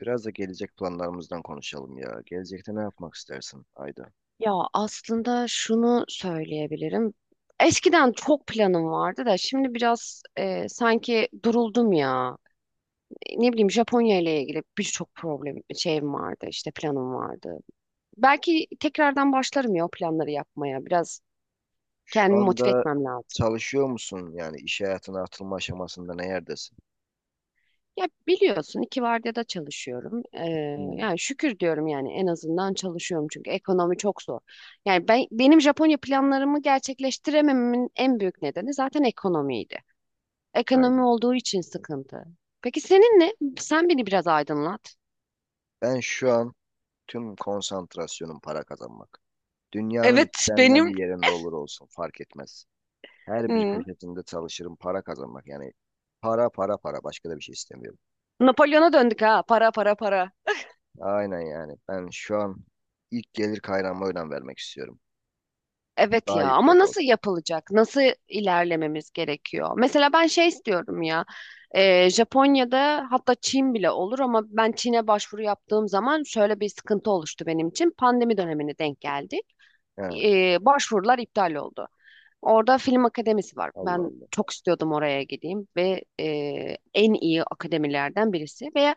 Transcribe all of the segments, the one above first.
Biraz da gelecek planlarımızdan konuşalım ya. Gelecekte ne yapmak istersin Ayda? Ya aslında şunu söyleyebilirim. Eskiden çok planım vardı da şimdi biraz sanki duruldum ya. Ne bileyim Japonya ile ilgili birçok problem şeyim vardı işte planım vardı. Belki tekrardan başlarım ya o planları yapmaya. Biraz Şu kendimi motive anda etmem lazım. çalışıyor musun? Yani iş hayatına atılma aşamasında ne yerdesin? Ya biliyorsun iki vardiyada çalışıyorum. Hmm, Yani şükür diyorum yani en azından çalışıyorum çünkü ekonomi çok zor. Yani benim Japonya planlarımı gerçekleştirememin en büyük nedeni zaten ekonomiydi. Ekonomi aynen. olduğu için sıkıntı. Peki senin ne? Sen beni biraz aydınlat. Ben şu an tüm konsantrasyonum para kazanmak. Dünyanın Evet istenilen benim. bir yerinde olur olsun fark etmez. Her bir Hmm. köşesinde çalışırım para kazanmak. Yani para para para başka da bir şey istemiyorum. Napolyon'a döndük ha. Para para para. Aynen yani. Ben şu an ilk gelir kaynağıma önem vermek istiyorum. Evet Daha ya ama yüksek nasıl olsun. yapılacak? Nasıl ilerlememiz gerekiyor? Mesela ben şey istiyorum ya. Japonya'da hatta Çin bile olur ama ben Çin'e başvuru yaptığım zaman şöyle bir sıkıntı oluştu benim için. Pandemi dönemine denk geldi. He, Başvurular iptal oldu. Orada film akademisi var. Allah Ben Allah. çok istiyordum oraya gideyim ve en iyi akademilerden birisi ve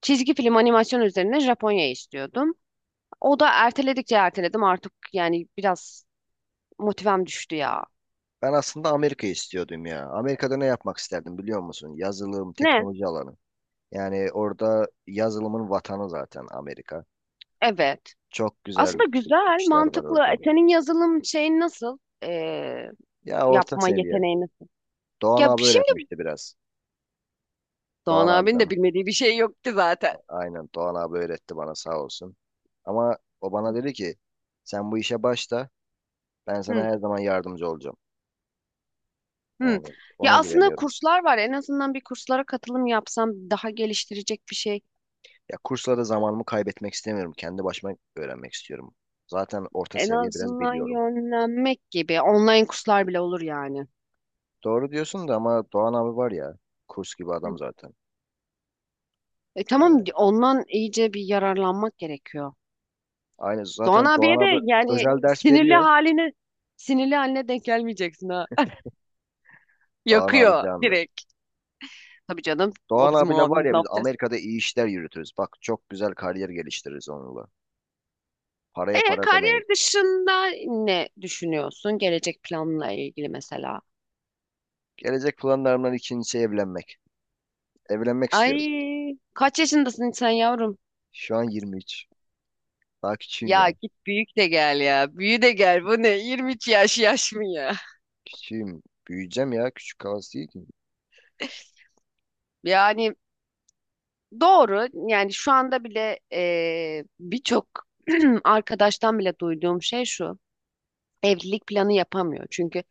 çizgi film animasyon üzerine Japonya istiyordum. O da erteledikçe erteledim artık yani biraz motivem düştü ya. Ben aslında Amerika'yı istiyordum ya. Amerika'da ne yapmak isterdim biliyor musun? Yazılım, Ne? teknoloji alanı. Yani orada yazılımın vatanı zaten Amerika. Evet. Çok Aslında güzel güzel, işler var mantıklı. orada. E, senin yazılım şeyin nasıl? E, Ya orta yapma seviye. yeteneği nasıl? Doğan Ya abi şimdi öğretmişti biraz. Doğan Doğan abinin abiden de bilmediği bir şey yok ki zaten. aynen Doğan abi öğretti bana sağ olsun. Ama o bana dedi ki sen bu işe başla ben sana Hı. her zaman yardımcı olacağım. Hı. Yani ona Ya aslında güveniyorum. kurslar var. En azından bir kurslara katılım yapsam daha geliştirecek bir şey. Ya kurslara zamanımı kaybetmek istemiyorum. Kendi başıma öğrenmek istiyorum. Zaten orta En seviye biraz azından biliyorum. yönlenmek gibi. Online kurslar bile olur yani. Doğru diyorsun da ama Doğan abi var ya kurs gibi Hı. adam zaten. E tamam, Yani ondan iyice bir yararlanmak gerekiyor. aynı Doğan zaten Doğan abiye de abi yani özel ders veriyor. Sinirli haline denk gelmeyeceksin ha. Doğan abi Yakıyor candır. direkt. Tabii canım, o Doğan bizim abiyle var abimiz, ya ne biz yapacağız? Amerika'da iyi işler yürütürüz. Bak çok güzel kariyer geliştiririz onunla. E Paraya para demeyiz. kariyer dışında ne düşünüyorsun gelecek planla ilgili mesela? Gelecek planlarımdan ikincisi evlenmek. Evlenmek istiyorum. Ay, kaç yaşındasın sen yavrum? Şu an 23. Daha küçüğüm Ya yani. git büyük de gel ya. Büyü de gel. Bu ne? 22 yaş mı ya? Küçüğüm. Büyüyeceğim ya. Küçük kalası değil ki. Yani doğru. Yani şu anda bile birçok arkadaştan bile duyduğum şey şu. Evlilik planı yapamıyor. Çünkü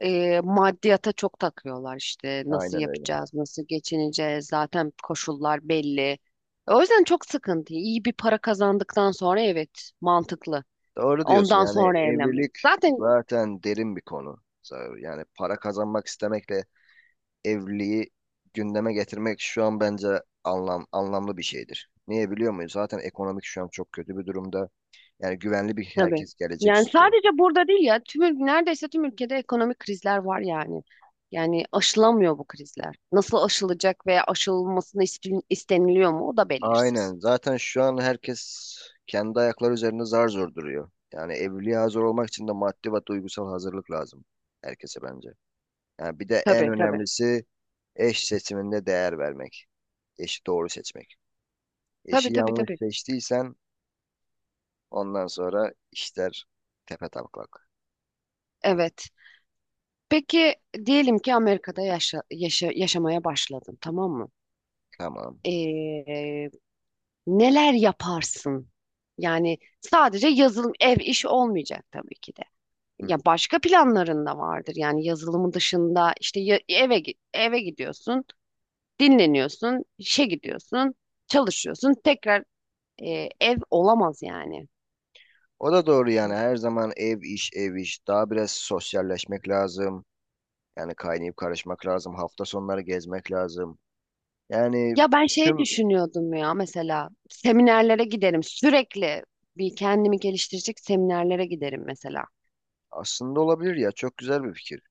maddiyata çok takıyorlar işte. Nasıl Aynen öyle. yapacağız? Nasıl geçineceğiz? Zaten koşullar belli. O yüzden çok sıkıntı. İyi bir para kazandıktan sonra, evet, mantıklı. Doğru diyorsun. Ondan Yani sonra evlenmek. evlilik Zaten. zaten derin bir konu. Yani para kazanmak istemekle evliliği gündeme getirmek şu an bence anlamlı bir şeydir. Niye biliyor muyuz? Zaten ekonomik şu an çok kötü bir durumda. Yani güvenli bir Tabii. herkes gelecek Yani istiyor. sadece burada değil ya, tüm neredeyse tüm ülkede ekonomik krizler var yani. Yani aşılamıyor bu krizler. Nasıl aşılacak veya isteniliyor mu, o da belirsiz. Aynen. Zaten şu an herkes kendi ayakları üzerinde zar zor duruyor. Yani evliliğe hazır olmak için de maddi ve duygusal hazırlık lazım herkese bence. Yani bir de en Tabii, tabii. önemlisi eş seçiminde değer vermek. Eşi doğru seçmek. Tabii, Eşi tabii, yanlış tabii. seçtiysen ondan sonra işler tepe taklak. Evet. Peki diyelim ki Amerika'da yaşamaya başladın, tamam mı? Tamam. Ee, neler yaparsın? Yani sadece yazılım, ev işi olmayacak tabii ki de. Hı. Ya başka planların da vardır. Yani yazılımın dışında işte eve gidiyorsun, dinleniyorsun, işe gidiyorsun, çalışıyorsun. Tekrar ev olamaz yani. O da doğru yani her zaman ev iş ev iş daha biraz sosyalleşmek lazım. Yani kaynayıp karışmak lazım. Hafta sonları gezmek lazım. Yani Ya ben şey tüm düşünüyordum ya, mesela seminerlere giderim sürekli, bir kendimi geliştirecek seminerlere giderim mesela. aslında olabilir ya çok güzel bir fikir.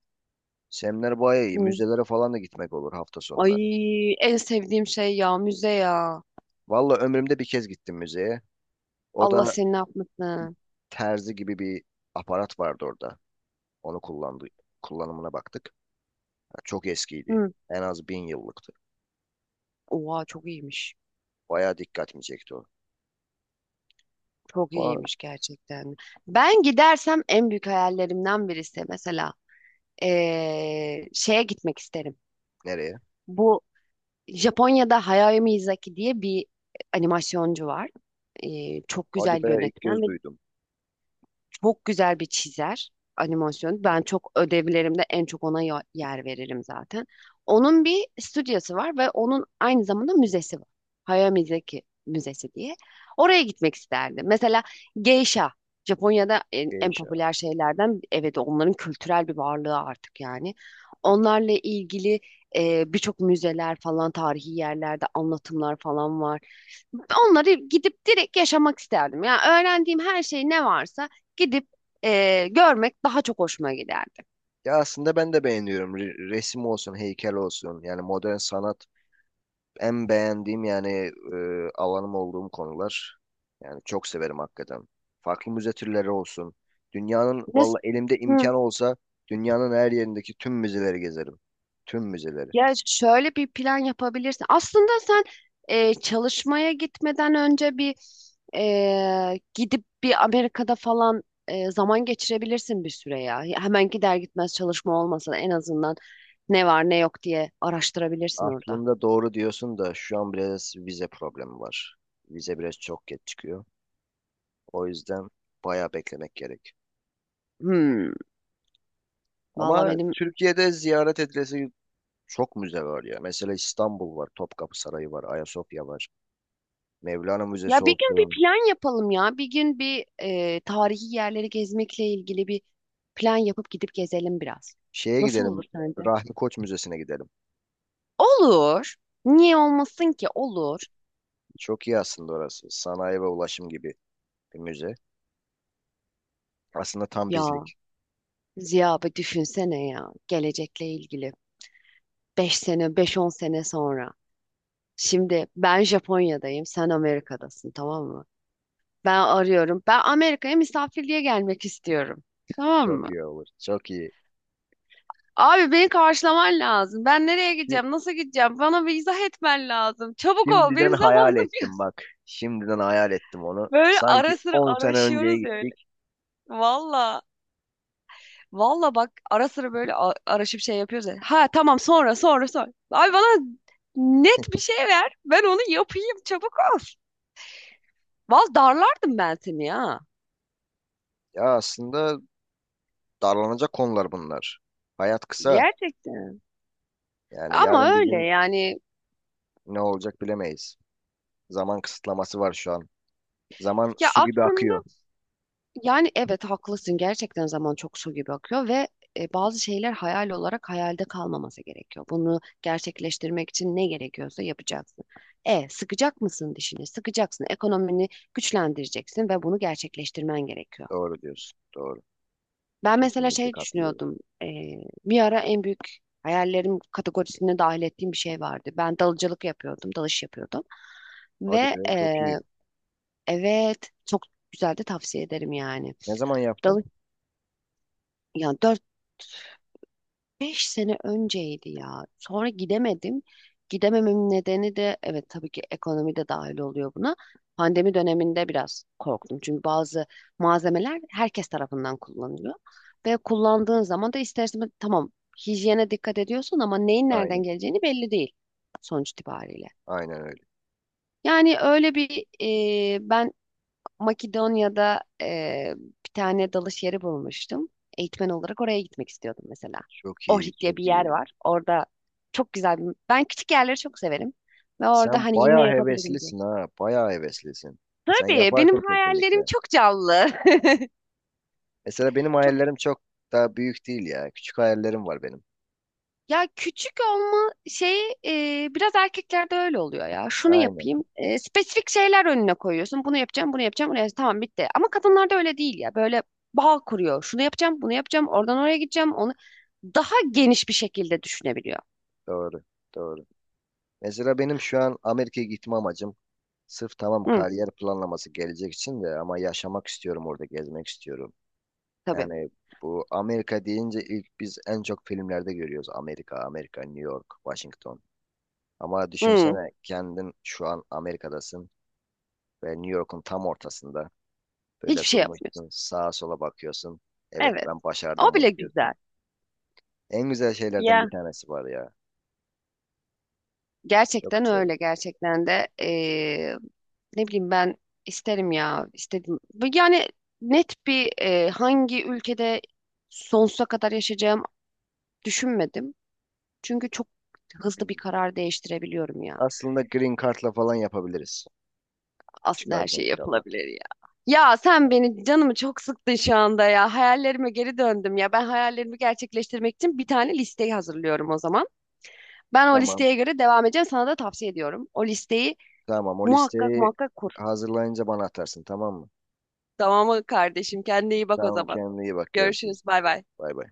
Semler bayağı iyi. Hı. Müzelere falan da gitmek olur hafta Ay, sonları. en sevdiğim şey ya müze ya. Valla ömrümde bir kez gittim müzeye. O Allah da seni ne bir yapmasın. terzi gibi bir aparat vardı orada. Onu kullandı, kullanımına baktık. Ya çok eskiydi. Hı. En az 1000 yıllıktı. Oha, çok iyiymiş. Bayağı dikkatimi çekti o. Çok Ama iyiymiş gerçekten. Ben gidersem en büyük hayallerimden birisi mesela şeye gitmek isterim. nereye? Bu Japonya'da Hayao Miyazaki diye bir animasyoncu var. Çok Hadi güzel be ilk kez yönetmen ve duydum. çok güzel bir çizer, animasyon. Ben çok ödevlerimde en çok ona yer veririm zaten. Onun bir stüdyosu var ve onun aynı zamanda müzesi var. Hayao Mizeki Müzesi diye. Oraya gitmek isterdim. Mesela geisha. Japonya'da İyi en iş. popüler şeylerden, evet, onların kültürel bir varlığı artık yani. Onlarla ilgili birçok müzeler falan, tarihi yerlerde anlatımlar falan var. Onları gidip direkt yaşamak isterdim. Yani öğrendiğim her şey ne varsa gidip görmek daha çok hoşuma giderdi. Ya aslında ben de beğeniyorum. Resim olsun, heykel olsun. Yani modern sanat en beğendiğim yani e, alanım olduğum konular. Yani çok severim hakikaten. Farklı müze türleri olsun. Dünyanın Mes valla elimde Hı. imkan olsa dünyanın her yerindeki tüm müzeleri gezerim. Tüm müzeleri. Ya şöyle bir plan yapabilirsin. Aslında sen çalışmaya gitmeden önce bir gidip bir Amerika'da falan zaman geçirebilirsin bir süre ya. Ya hemen gider gitmez çalışma olmasa da en azından ne var ne yok diye araştırabilirsin orada. Aslında doğru diyorsun da şu an biraz vize problemi var. Vize biraz çok geç çıkıyor. O yüzden bayağı beklemek gerek. Hmm. Valla Ama benim. Türkiye'de ziyaret edilesi çok müze var ya. Mesela İstanbul var, Topkapı Sarayı var, Ayasofya var. Mevlana Ya Müzesi bir gün bir olsun. plan yapalım ya. Bir gün bir tarihi yerleri gezmekle ilgili bir plan yapıp gidip gezelim biraz. Şeye Nasıl olur gidelim, sence? Rahmi Koç Müzesi'ne gidelim. Olur. Niye olmasın ki? Olur. Çok iyi aslında orası. Sanayi ve ulaşım gibi bir müze. Aslında tam Ya bizlik. Ziya, bir düşünsene ya. Gelecekle ilgili. 5 sene, 5-10 sene sonra. Şimdi ben Japonya'dayım, sen Amerika'dasın, tamam mı? Ben arıyorum. Ben Amerika'ya misafirliğe gelmek istiyorum. Tamam. Çok iyi olur. Çok iyi. Abi, beni karşılaman lazım. Ben nereye Şi- gideceğim? Nasıl gideceğim? Bana bir izah etmen lazım. Çabuk ol. Şimdiden Benim hayal zamanım yok. ettim bak. Şimdiden hayal ettim onu. Böyle Sanki ara sıra 10 sene önceye araşıyoruz ya öyle. gittik. Valla. Valla bak, ara sıra böyle araşıp şey yapıyoruz ya. Ha tamam, sonra sonra sonra. Abi bana net bir şey ver. Ben onu yapayım. Çabuk ol. Valla darlardım ben seni ya. Ya aslında darlanacak konular bunlar. Hayat kısa. Gerçekten. Yani Ama yarın bir öyle gün yani. ne olacak bilemeyiz. Zaman kısıtlaması var şu an. Zaman Ya su gibi aslında, akıyor. yani evet, haklısın, gerçekten zaman çok su gibi akıyor ve bazı şeyler hayal olarak hayalde kalmaması gerekiyor. Bunu gerçekleştirmek için ne gerekiyorsa yapacaksın. E sıkacak mısın dişini? Sıkacaksın. Ekonomini güçlendireceksin ve bunu gerçekleştirmen gerekiyor. Doğru diyorsun. Doğru. Ben mesela Kesinlikle şey katılıyorum. düşünüyordum. Bir ara en büyük hayallerim kategorisine dahil ettiğim bir şey vardı. Ben dalıcılık yapıyordum, dalış yapıyordum Hadi ve be çok iyi. evet, çok güzel de, tavsiye ederim yani. Ne zaman yaptın? Dalı Yani 4-5 sene önceydi ya. Sonra gidemedim. Gidemememin nedeni de evet tabii ki ekonomi de dahil oluyor buna. Pandemi döneminde biraz korktum. Çünkü bazı malzemeler herkes tarafından kullanılıyor. Ve kullandığın zaman da ister istemez tamam hijyene dikkat ediyorsun ama neyin nereden Aynen. geleceğini belli değil sonuç itibariyle. Aynen öyle. Yani öyle bir e, ben Makedonya'da bir tane dalış yeri bulmuştum. Eğitmen olarak oraya gitmek istiyordum mesela. Çok iyi. Ohrid diye bir Çok yer iyi. var. Orada çok güzel bir... Ben küçük yerleri çok severim. Ve orada Sen hani yine bayağı yapabilirim diye. heveslisin ha. Bayağı heveslisin. Sen Tabii benim yaparsın kesinlikle. hayallerim çok canlı. Mesela benim hayallerim çok daha büyük değil ya. Küçük hayallerim var benim. Ya küçük olma şeyi biraz erkeklerde öyle oluyor ya. Şunu Aynen. yapayım. E, spesifik şeyler önüne koyuyorsun. Bunu yapacağım, bunu yapacağım, bunu yapacağım. Tamam, bitti. Ama kadınlarda öyle değil ya. Böyle bağ kuruyor. Şunu yapacağım, bunu yapacağım. Oradan oraya gideceğim. Onu daha geniş bir şekilde düşünebiliyor. Doğru. Doğru. Mesela benim şu an Amerika'ya gitme amacım sırf tamam Hı, kariyer planlaması gelecek için de ama yaşamak istiyorum orada gezmek istiyorum. tabii. Yani bu Amerika deyince ilk biz en çok filmlerde görüyoruz. Amerika, Amerika, New York, Washington. Ama Hı, düşünsene kendin şu an Amerika'dasın ve New York'un tam ortasında. Böyle hiçbir şey yapmıyorsun. durmuşsun, sağa sola bakıyorsun. Evet Evet. ben O başardım bile bunu güzel. diyorsun. En güzel şeylerden Ya. bir tanesi var ya. Çok Gerçekten isterim. öyle, gerçekten de. Ne bileyim ben, isterim ya, istedim. Bu yani net bir, hangi ülkede sonsuza kadar yaşayacağım düşünmedim. Çünkü çok hızlı bir Hmm. karar değiştirebiliyorum ya. Aslında Green Card'la falan yapabiliriz. Aslında her Çıkarken şey inşallah. yapılabilir ya. Ya sen beni, canımı çok sıktın şu anda ya. Hayallerime geri döndüm ya. Ben hayallerimi gerçekleştirmek için bir tane listeyi hazırlıyorum o zaman. Ben o Tamam. listeye göre devam edeceğim. Sana da tavsiye ediyorum. O listeyi Tamam o muhakkak listeyi muhakkak kur. hazırlayınca bana atarsın tamam mı? Tamam mı kardeşim? Kendine iyi bak o Tamam zaman. kendine iyi bak görüşürüz. Görüşürüz. Bay bay. Bay bay.